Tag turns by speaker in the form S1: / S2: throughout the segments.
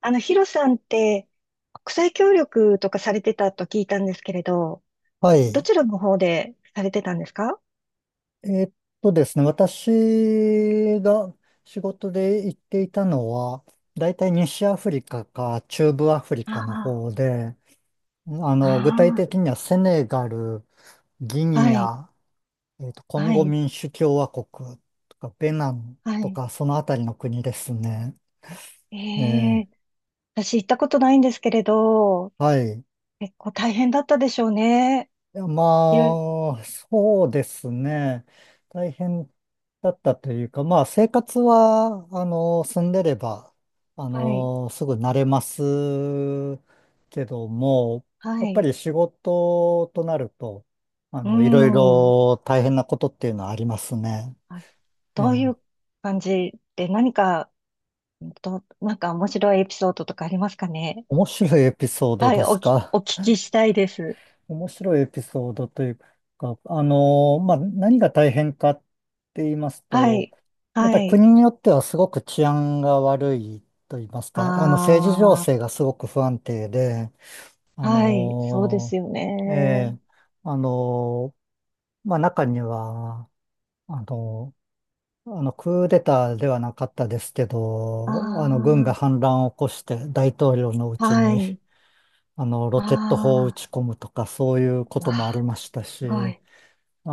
S1: ヒロさんって、国際協力とかされてたと聞いたんですけれど、
S2: は
S1: ど
S2: い。
S1: ちらの方でされてたんですか？
S2: えーっですね、私が仕事で行っていたのは、大体西アフリカか中部アフリ
S1: あ
S2: カの方で、具体
S1: あ、あ
S2: 的にはセネガル、ギ
S1: あ、は
S2: ニ
S1: い、
S2: ア、コン
S1: は
S2: ゴ
S1: い、
S2: 民主共和国とか、ベナン
S1: は
S2: と
S1: い。
S2: か、そのあたりの国ですね。え
S1: え
S2: ー、
S1: え、私行ったことないんですけれど、
S2: はい。
S1: 結構大変だったでしょうね。
S2: いや、ま
S1: いろい
S2: あ、そうですね。大変だったというか、まあ、生活は、住んでれば、
S1: はい、
S2: すぐ慣れますけども、
S1: は
S2: やっぱ
S1: い、
S2: り仕事となると、
S1: う
S2: いろい
S1: ん。
S2: ろ大変なことっていうのはありますね。
S1: あ、
S2: え
S1: どう
S2: え、
S1: いう感じで何か、なんか面白いエピソードとかありますかね？
S2: 面白いエピソード
S1: はい、
S2: ですか？
S1: お聞きしたいです。
S2: 面白いエピソードというか、まあ、何が大変かって言います
S1: は
S2: と、
S1: い、
S2: やっぱ
S1: は
S2: り
S1: い。
S2: 国によってはすごく治安が悪いと言います
S1: あ
S2: か、政治情
S1: あ、
S2: 勢がすごく不安定で、あ
S1: はい、そうです
S2: の、
S1: よ
S2: ええ、
S1: ね。
S2: あの、まあ、中には、あの、クーデターではなかったですけど、軍
S1: あ
S2: が反乱を起こして大統領のう
S1: あ、
S2: ち
S1: は
S2: に、
S1: い、
S2: ロ
S1: あ
S2: ケット砲を撃
S1: あ、
S2: ち込むとか、そういうこ
S1: う
S2: ともあり
S1: わ、
S2: ました
S1: すご
S2: し、
S1: い。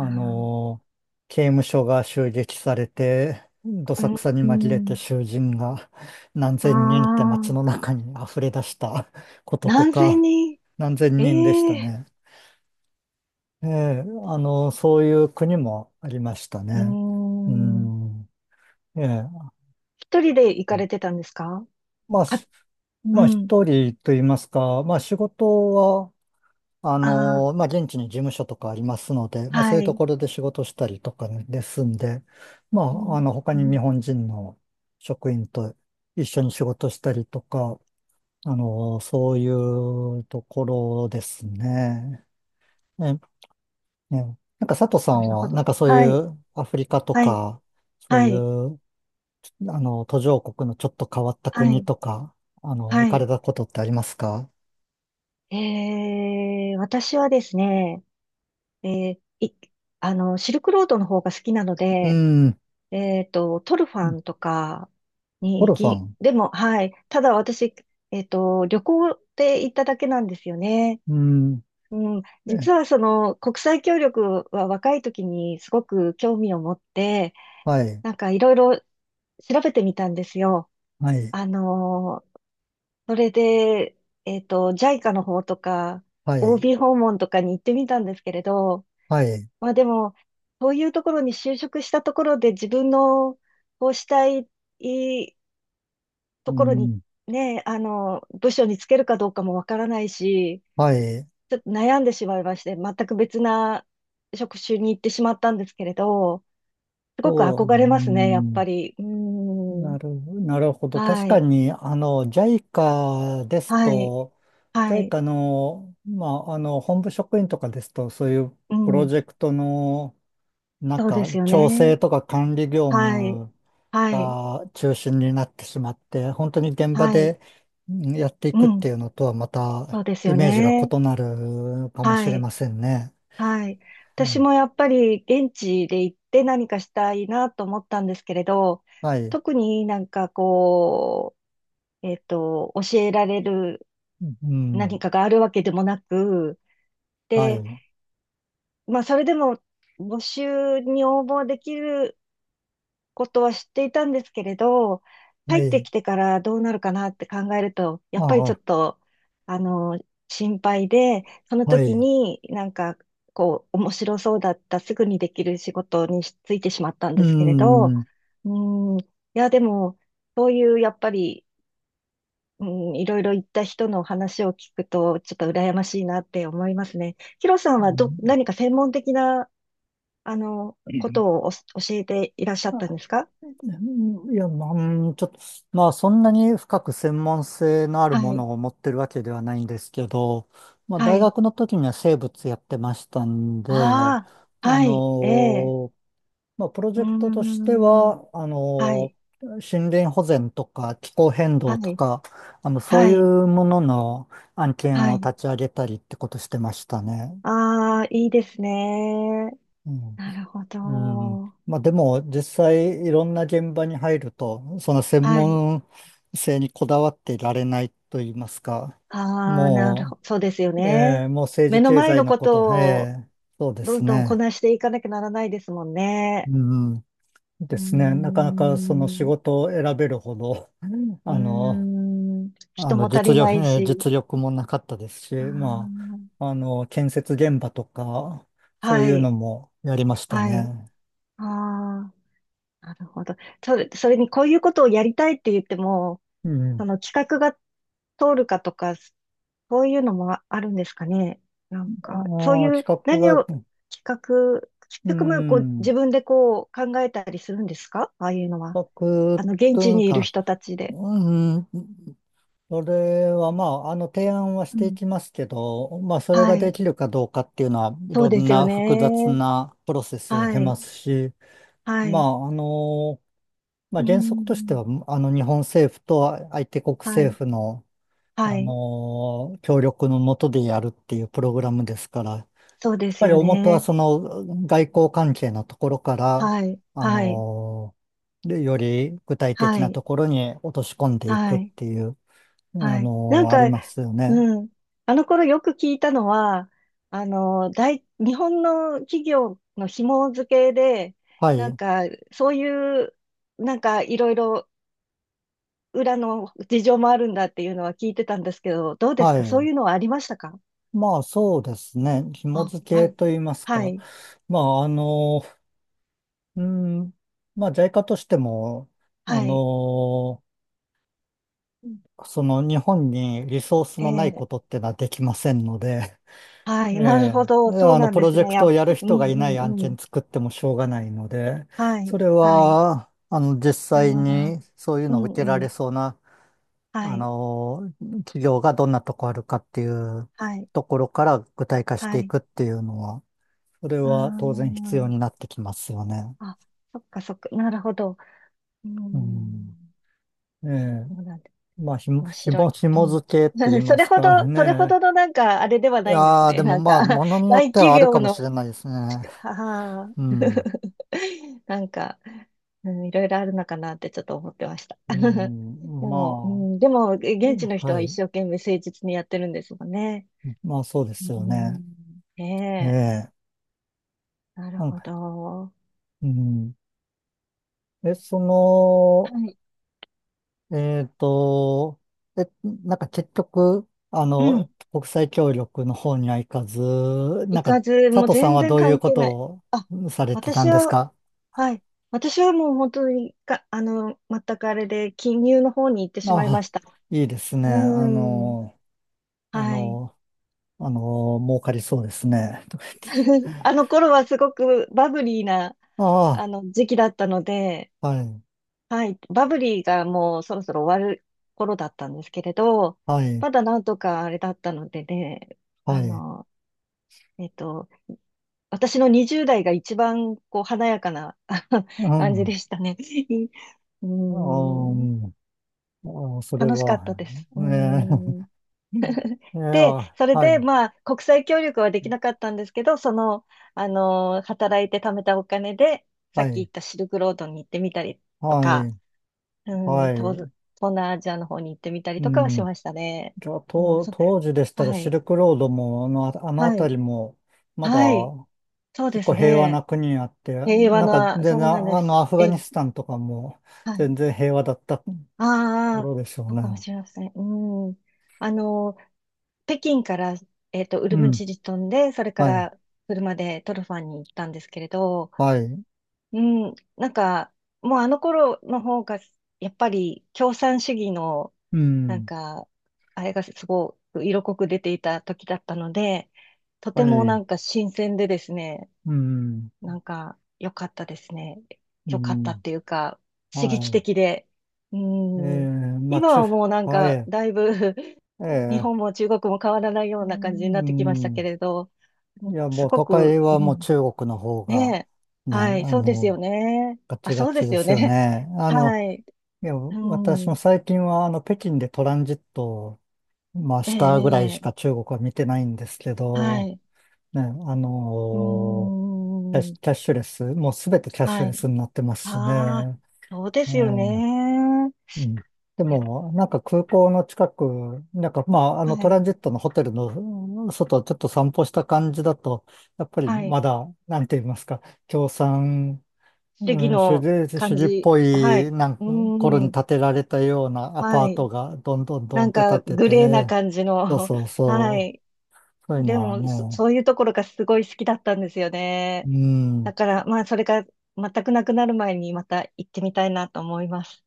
S1: あー、
S2: の、刑務所が襲撃されて、どさくさに
S1: う
S2: 紛
S1: ん、
S2: れ
S1: う
S2: て
S1: ん、
S2: 囚人が何
S1: あ
S2: 千人って街
S1: あ、
S2: の中に溢れ出したことと
S1: 何千
S2: か、
S1: 人、
S2: 何千人でした
S1: ええ、
S2: ね。ええ、そういう国もありました
S1: うー
S2: ね。う
S1: ん、
S2: ん、ええ、
S1: 一人で行かれてたんですか？
S2: まあ、
S1: か、う
S2: まあ
S1: ん、
S2: 一人と言いますか、まあ仕事は
S1: ああ、
S2: まあ、現地に事務所とかありますので、まあ、そうい
S1: は
S2: うと
S1: い、
S2: ころで仕事したりとかねですんで、ま
S1: うん、
S2: あ、他
S1: う
S2: に日
S1: ん、
S2: 本人の職員と一緒に仕事したりとか、そういうところですね。ね、ね。なんか佐藤さ
S1: な
S2: ん
S1: るほ
S2: は、な
S1: ど。
S2: んかそうい
S1: はい、
S2: うアフリカと
S1: はい、
S2: か、そう
S1: は
S2: い
S1: い、
S2: う、途上国のちょっと変わった
S1: は
S2: 国
S1: い、
S2: とか、行
S1: は
S2: か
S1: い。
S2: れたことってありますか？
S1: ええ、私はですね、えーい、シルクロードの方が好きなの
S2: う
S1: で、
S2: ん。
S1: トルファンとかに
S2: ゴ
S1: 行
S2: ルファ
S1: き、
S2: ン。
S1: でも、はい。ただ私、旅行で行っただけなんですよね。
S2: うん。
S1: うん。
S2: え、
S1: 実はその、国際協力は若い時にすごく興味を持って、
S2: はい。
S1: なんかいろいろ調べてみたんですよ。
S2: はい、
S1: あの、それで、JICA の方とか、
S2: はい、
S1: OB 訪問とかに行ってみたんですけれど、
S2: はい、
S1: まあでも、そういうところに就職したところで自分のこうしたい、
S2: う
S1: ところに
S2: ん、
S1: ね、部署につけるかどうかもわからないし、
S2: はい、
S1: ちょっと悩んでしまいまして、全く別な職種に行ってしまったんですけれど、すごく
S2: そう、う
S1: 憧れますね、やっぱ
S2: ん、
S1: り。うーん。
S2: なるほど。確
S1: は
S2: か
S1: い。
S2: に、JICA です
S1: はい。
S2: と、
S1: はい。
S2: JICA の、まあ、本部職員とかですと、そういう
S1: う
S2: プロ
S1: ん。
S2: ジェクトの、なん
S1: そうで
S2: か、
S1: すよ
S2: 調
S1: ね。
S2: 整とか管理業
S1: はい。
S2: 務
S1: はい。
S2: が中心になってしまって、本当に現場
S1: はい。
S2: でうんやっていくっ
S1: う
S2: てい
S1: ん。
S2: うのとは、ま
S1: そ
S2: た、
S1: うです
S2: イ
S1: よ
S2: メージが
S1: ね。
S2: 異なるかもし
S1: は
S2: れ
S1: い。
S2: ませんね。
S1: はい。
S2: う
S1: 私
S2: ん、
S1: もやっぱり現地で行って何かしたいなと思ったんですけれど、
S2: はい。
S1: 特になんかこう、教えられる
S2: う
S1: 何
S2: ん。
S1: かがあるわけでもなく、
S2: は
S1: で、
S2: い。
S1: まあ、それでも募集に応募できることは知っていたんですけれど、
S2: は
S1: 入って
S2: い。
S1: きてからどうなるかなって考えると、や
S2: あ
S1: っぱりちょっ
S2: あ、
S1: と、あの、心配で、その
S2: は
S1: 時
S2: い。
S1: になんか、こう、面白そうだった、すぐにできる仕事にしついてしまったん
S2: う
S1: ですけれど、
S2: ん。う
S1: うん、いや、でも、そういう、やっぱり、うん、いろいろ言った人の話を聞くと、ちょっと羨ましいなって思いますね。ヒロさんはど、
S2: ん、
S1: 何か専門的な、ことをお教えていらっしゃったん
S2: あ、
S1: ですか？
S2: いや、まあ、うん、ちょっと、まあ、そんなに深く専門性のある
S1: は
S2: も
S1: い。
S2: のを持ってるわけではないんですけど、まあ、
S1: は
S2: 大
S1: い。
S2: 学の時には生物やってましたんで、
S1: ああ、
S2: あ
S1: はい、ええ、
S2: のまあ、プロ
S1: う
S2: ジェ
S1: ー
S2: クトとして
S1: ん、
S2: は、
S1: はい、
S2: 森林保全とか気候変動
S1: は
S2: と
S1: い、
S2: か、そう
S1: は
S2: い
S1: い、
S2: うものの案件
S1: は
S2: を
S1: い。
S2: 立ち上げたりってことしてましたね。
S1: ああ、いいですね。
S2: うん。
S1: なるほ
S2: うん。
S1: ど。
S2: まあ、でも、実際いろんな現場に入ると、その専
S1: はい。
S2: 門性にこだわっていられないと言いますか、
S1: ああ、なるほ
S2: も
S1: ど。そうですよね。
S2: もう政
S1: 目
S2: 治
S1: の
S2: 経
S1: 前
S2: 済
S1: の
S2: の
S1: こ
S2: こと、
S1: とを
S2: そうで
S1: ど
S2: す
S1: んどんこ
S2: ね。
S1: なしていかなきゃならないですもんね。
S2: うん。
S1: う
S2: で
S1: ー
S2: すね。なかなかその仕
S1: ん、
S2: 事を選べるほど、
S1: うー
S2: あの、
S1: ん、人も足
S2: 実
S1: りな
S2: 力、
S1: いし。
S2: 実力もなかったですし、ま
S1: あ
S2: あ、建設現場とか、
S1: あ、
S2: そう
S1: は
S2: いうの
S1: い、
S2: もやりました
S1: はい。
S2: ね。
S1: ああ。なるほど。それにこういうことをやりたいって言っても、
S2: う
S1: そ
S2: ん。
S1: の企画が通るかとか、そういうのもあるんですかね。なんか、そう
S2: ああ、
S1: い
S2: 企
S1: う
S2: 画が、
S1: 企画、企
S2: う
S1: 画もこう
S2: ん、
S1: 自分でこう考えたりするんですか？ああいうのは。
S2: 企画
S1: 現
S2: と
S1: 地
S2: いう
S1: にいる
S2: か、
S1: 人たちで。
S2: うん、それはまあ、提案はし
S1: う
S2: てい
S1: ん。
S2: きますけど、まあ、それが
S1: は
S2: で
S1: い。
S2: きるかどうかっていうのは、い
S1: そう
S2: ろ
S1: で
S2: ん
S1: すよ
S2: な複雑
S1: ね。
S2: なプロセスを
S1: は
S2: 経ま
S1: い。
S2: すし、
S1: は
S2: ま
S1: い。
S2: あ、まあ、
S1: う
S2: 原則として
S1: ん。
S2: は、日本政府と相手国
S1: は
S2: 政
S1: い。
S2: 府の、
S1: はい。
S2: 協力のもとでやるっていうプログラムですから、やっ
S1: そうです
S2: ぱり
S1: よ
S2: 大元は
S1: ね。
S2: その外交関係のところから、
S1: はい。
S2: あ
S1: はい。
S2: のーでより具体的
S1: は
S2: な
S1: い。
S2: ところに落とし込んでいく
S1: は
S2: っ
S1: い。
S2: ていう、
S1: はい。なん
S2: あ
S1: か、
S2: りますよね。
S1: うん。あの頃よく聞いたのは、日本の企業の紐付けで、
S2: は
S1: なん
S2: い。
S1: か、そういう、なんか、いろいろ裏の事情もあるんだっていうのは聞いてたんですけど、どうです
S2: は
S1: か、そう
S2: い。
S1: いうのはありましたか？
S2: まあ、そうですね。紐
S1: あ、
S2: 付
S1: あ、
S2: けといいます
S1: は
S2: か。
S1: い、
S2: まあ、うん、まあ、在家としても、あ
S1: は
S2: の
S1: い、
S2: その日本にリソースのない
S1: え
S2: こと
S1: え、
S2: ってのはできませんので、
S1: は
S2: え
S1: い、なる
S2: え、
S1: ほど、そうなん
S2: プ
S1: で
S2: ロ
S1: す
S2: ジェ
S1: ね。
S2: クトをやる
S1: うん、
S2: 人がい
S1: う
S2: ない案
S1: ん、う
S2: 件
S1: ん。
S2: 作ってもしょうがないので、
S1: は
S2: そ
S1: い、
S2: れ
S1: はい、
S2: は、実
S1: あ
S2: 際
S1: あ、
S2: にそういう
S1: う
S2: のを
S1: ん、
S2: 受けら
S1: う
S2: れ
S1: ん、
S2: そうな、
S1: は
S2: あ
S1: い、
S2: の、企業がどんなとこあるかっていう
S1: はい、
S2: ところから具体化して
S1: は
S2: い
S1: い、
S2: くっていうのは、それ
S1: あ
S2: は当然必要にな
S1: ー、
S2: ってきますよね。
S1: あ、そっかそっか。なるほど。う
S2: うん。
S1: ん。
S2: ええ、
S1: そうなんだ。
S2: まあ、ひも、
S1: 面
S2: ひ
S1: 白
S2: も、
S1: い。う
S2: 紐
S1: ん。
S2: 付けと言い
S1: そ
S2: ま
S1: れ
S2: す
S1: ほど、
S2: か
S1: それほ
S2: ね。
S1: どのなんか、あれでは
S2: い
S1: ないんです
S2: やー、
S1: ね。
S2: でも
S1: なん
S2: ま
S1: か、
S2: あ、もの によっ
S1: 大
S2: ては
S1: 企
S2: ある
S1: 業
S2: かもし
S1: の、
S2: れないですね。
S1: はは
S2: うん。
S1: なんか、うん、いろいろあるのかなってちょっと思ってました。
S2: う
S1: で
S2: ん、
S1: も、う
S2: ま
S1: ん、
S2: あ、
S1: でも、現地の人
S2: は
S1: は一
S2: い。
S1: 生懸命誠実にやってるんですもんね。
S2: まあ、そうで
S1: う
S2: すよね。
S1: ん、
S2: え
S1: ね
S2: え。
S1: え、なる
S2: なん
S1: ほ
S2: か、
S1: ど。
S2: うん。え、その、
S1: はい。
S2: えっと、え、なんか結局、
S1: うん。
S2: 国際協力の方には行かず、な
S1: 行
S2: んか、
S1: かず、も
S2: 佐
S1: う
S2: 藤さん
S1: 全
S2: は
S1: 然
S2: どういう
S1: 関
S2: こ
S1: 係ない。
S2: と
S1: あ、
S2: をされてた
S1: 私
S2: んです
S1: は、
S2: か？
S1: はい。私はもう本当にか、全くあれで、金融の方に行ってしまいま
S2: あ、
S1: した。
S2: いいですね。
S1: うーん。
S2: あ
S1: はい。
S2: の、儲かりそうですね。
S1: あの頃はすごくバブリーな、
S2: あ
S1: あ
S2: あ。
S1: の、時期だったので、
S2: はい、
S1: はい。バブリーがもうそろそろ終わる頃だったんですけれど、
S2: はい、
S1: まだなんとかあれだったのでね、
S2: は
S1: あ
S2: い。
S1: の、えっと、私の20代が一番こう華やかなあの
S2: う
S1: 感じ
S2: ん。
S1: でしたね。うー
S2: あー、
S1: ん。
S2: うん、あー、それ
S1: 楽しかっ
S2: は、
S1: たです。う
S2: ね
S1: ー
S2: え、
S1: ん。
S2: いや、
S1: で、それ
S2: は
S1: で、
S2: い、
S1: まあ、国際協力はできなかったんですけど、働いて貯めたお金で、さ
S2: は
S1: っき言っ
S2: い、
S1: たシルクロードに行ってみたりと
S2: は
S1: か、
S2: い、
S1: うん、
S2: は
S1: 東、
S2: い。
S1: 東南アジアの方に行ってみたり
S2: う
S1: とかはし
S2: ん。
S1: ましたね。
S2: じゃあ、
S1: うん、
S2: 当時でしたら
S1: は
S2: シ
S1: い、
S2: ルクロードも、あの
S1: はい、
S2: 辺りも、まだ
S1: はい、そうで
S2: 結
S1: す
S2: 構平和な
S1: ね。
S2: 国あって、
S1: 平和
S2: なんか
S1: な、
S2: 全
S1: そ
S2: 然、
S1: うなんです。
S2: アフガ
S1: え
S2: ニ
S1: え、
S2: スタンとかも
S1: はい。
S2: 全然平和だった
S1: ああ、
S2: 頃でしょう
S1: そう
S2: ね。
S1: かもしれません。うん。あの、北京から、ウ
S2: う
S1: ルム
S2: ん。
S1: チに飛んで、それか
S2: はい、
S1: ら車でトルファンに行ったんですけれど、
S2: はい。
S1: うん、なんか、もうあの頃の方が、やっぱり共産主義の、
S2: う
S1: なん
S2: ん。
S1: か、あれがすごく色濃く出ていた時だったので、と
S2: は
S1: てもな
S2: い。
S1: んか新鮮でですね、
S2: うん。
S1: なんか、良かったですね。
S2: う
S1: 良かったっ
S2: ん。
S1: ていうか、刺激
S2: は
S1: 的で。う
S2: い。え
S1: ん。
S2: ー、まあ、
S1: 今
S2: 中、
S1: はもうなん
S2: は
S1: か、
S2: い。
S1: だいぶ 日
S2: え
S1: 本
S2: え、
S1: も中国も変わらないよ
S2: う
S1: うな感じになってきましたけ
S2: ん。
S1: れど、う
S2: い
S1: ん、
S2: や、
S1: す
S2: もう
S1: ご
S2: 都
S1: く、
S2: 会は
S1: う
S2: もう
S1: ん、
S2: 中国の方が、
S1: ねえ。
S2: ね、
S1: はい、そうですよ
S2: の、
S1: ね。
S2: ガ
S1: あ、
S2: チガ
S1: そうで
S2: チ
S1: す
S2: で
S1: よ
S2: すよ
S1: ね。
S2: ね。
S1: はい。
S2: いや、
S1: う
S2: 私も
S1: ん。
S2: 最近は、北京でトランジットを、まあ、
S1: え
S2: したぐらいし
S1: え、え
S2: か
S1: え、
S2: 中国は見てないんですけ
S1: は
S2: ど、
S1: い。
S2: ね、
S1: うーん。
S2: キャッシュレス、もうすべてキャッシ
S1: は
S2: ュレ
S1: い。
S2: スになってますし
S1: ああ、
S2: ね。
S1: そうで
S2: え
S1: すよ
S2: え、
S1: ね。
S2: うん。で
S1: いや、
S2: も、なんか空港の近く、なんかまあ、あの
S1: は
S2: ト
S1: い。
S2: ランジットのホテルの外をちょっと散歩した感じだと、やっぱり
S1: はい。
S2: まだ、なんて言いますか、共産、
S1: 主義
S2: うん、主
S1: の
S2: 義、主
S1: 感
S2: 義っ
S1: じ。
S2: ぽ
S1: はい。
S2: いな
S1: う
S2: ん頃に
S1: ーん。
S2: 建てられたようなアパ
S1: は
S2: ー
S1: い。
S2: トがどんどんど
S1: な
S2: んっ
S1: ん
S2: て建
S1: か、
S2: って
S1: グレーな
S2: て、
S1: 感じ
S2: そう
S1: の。
S2: そう
S1: は
S2: そ
S1: い。
S2: そういうの
S1: で
S2: は
S1: も、そ、
S2: ね、
S1: そういうところがすごい好きだったんですよ
S2: う
S1: ね。
S2: ん。
S1: だから、まあ、それが全くなくなる前にまた行ってみたいなと思います。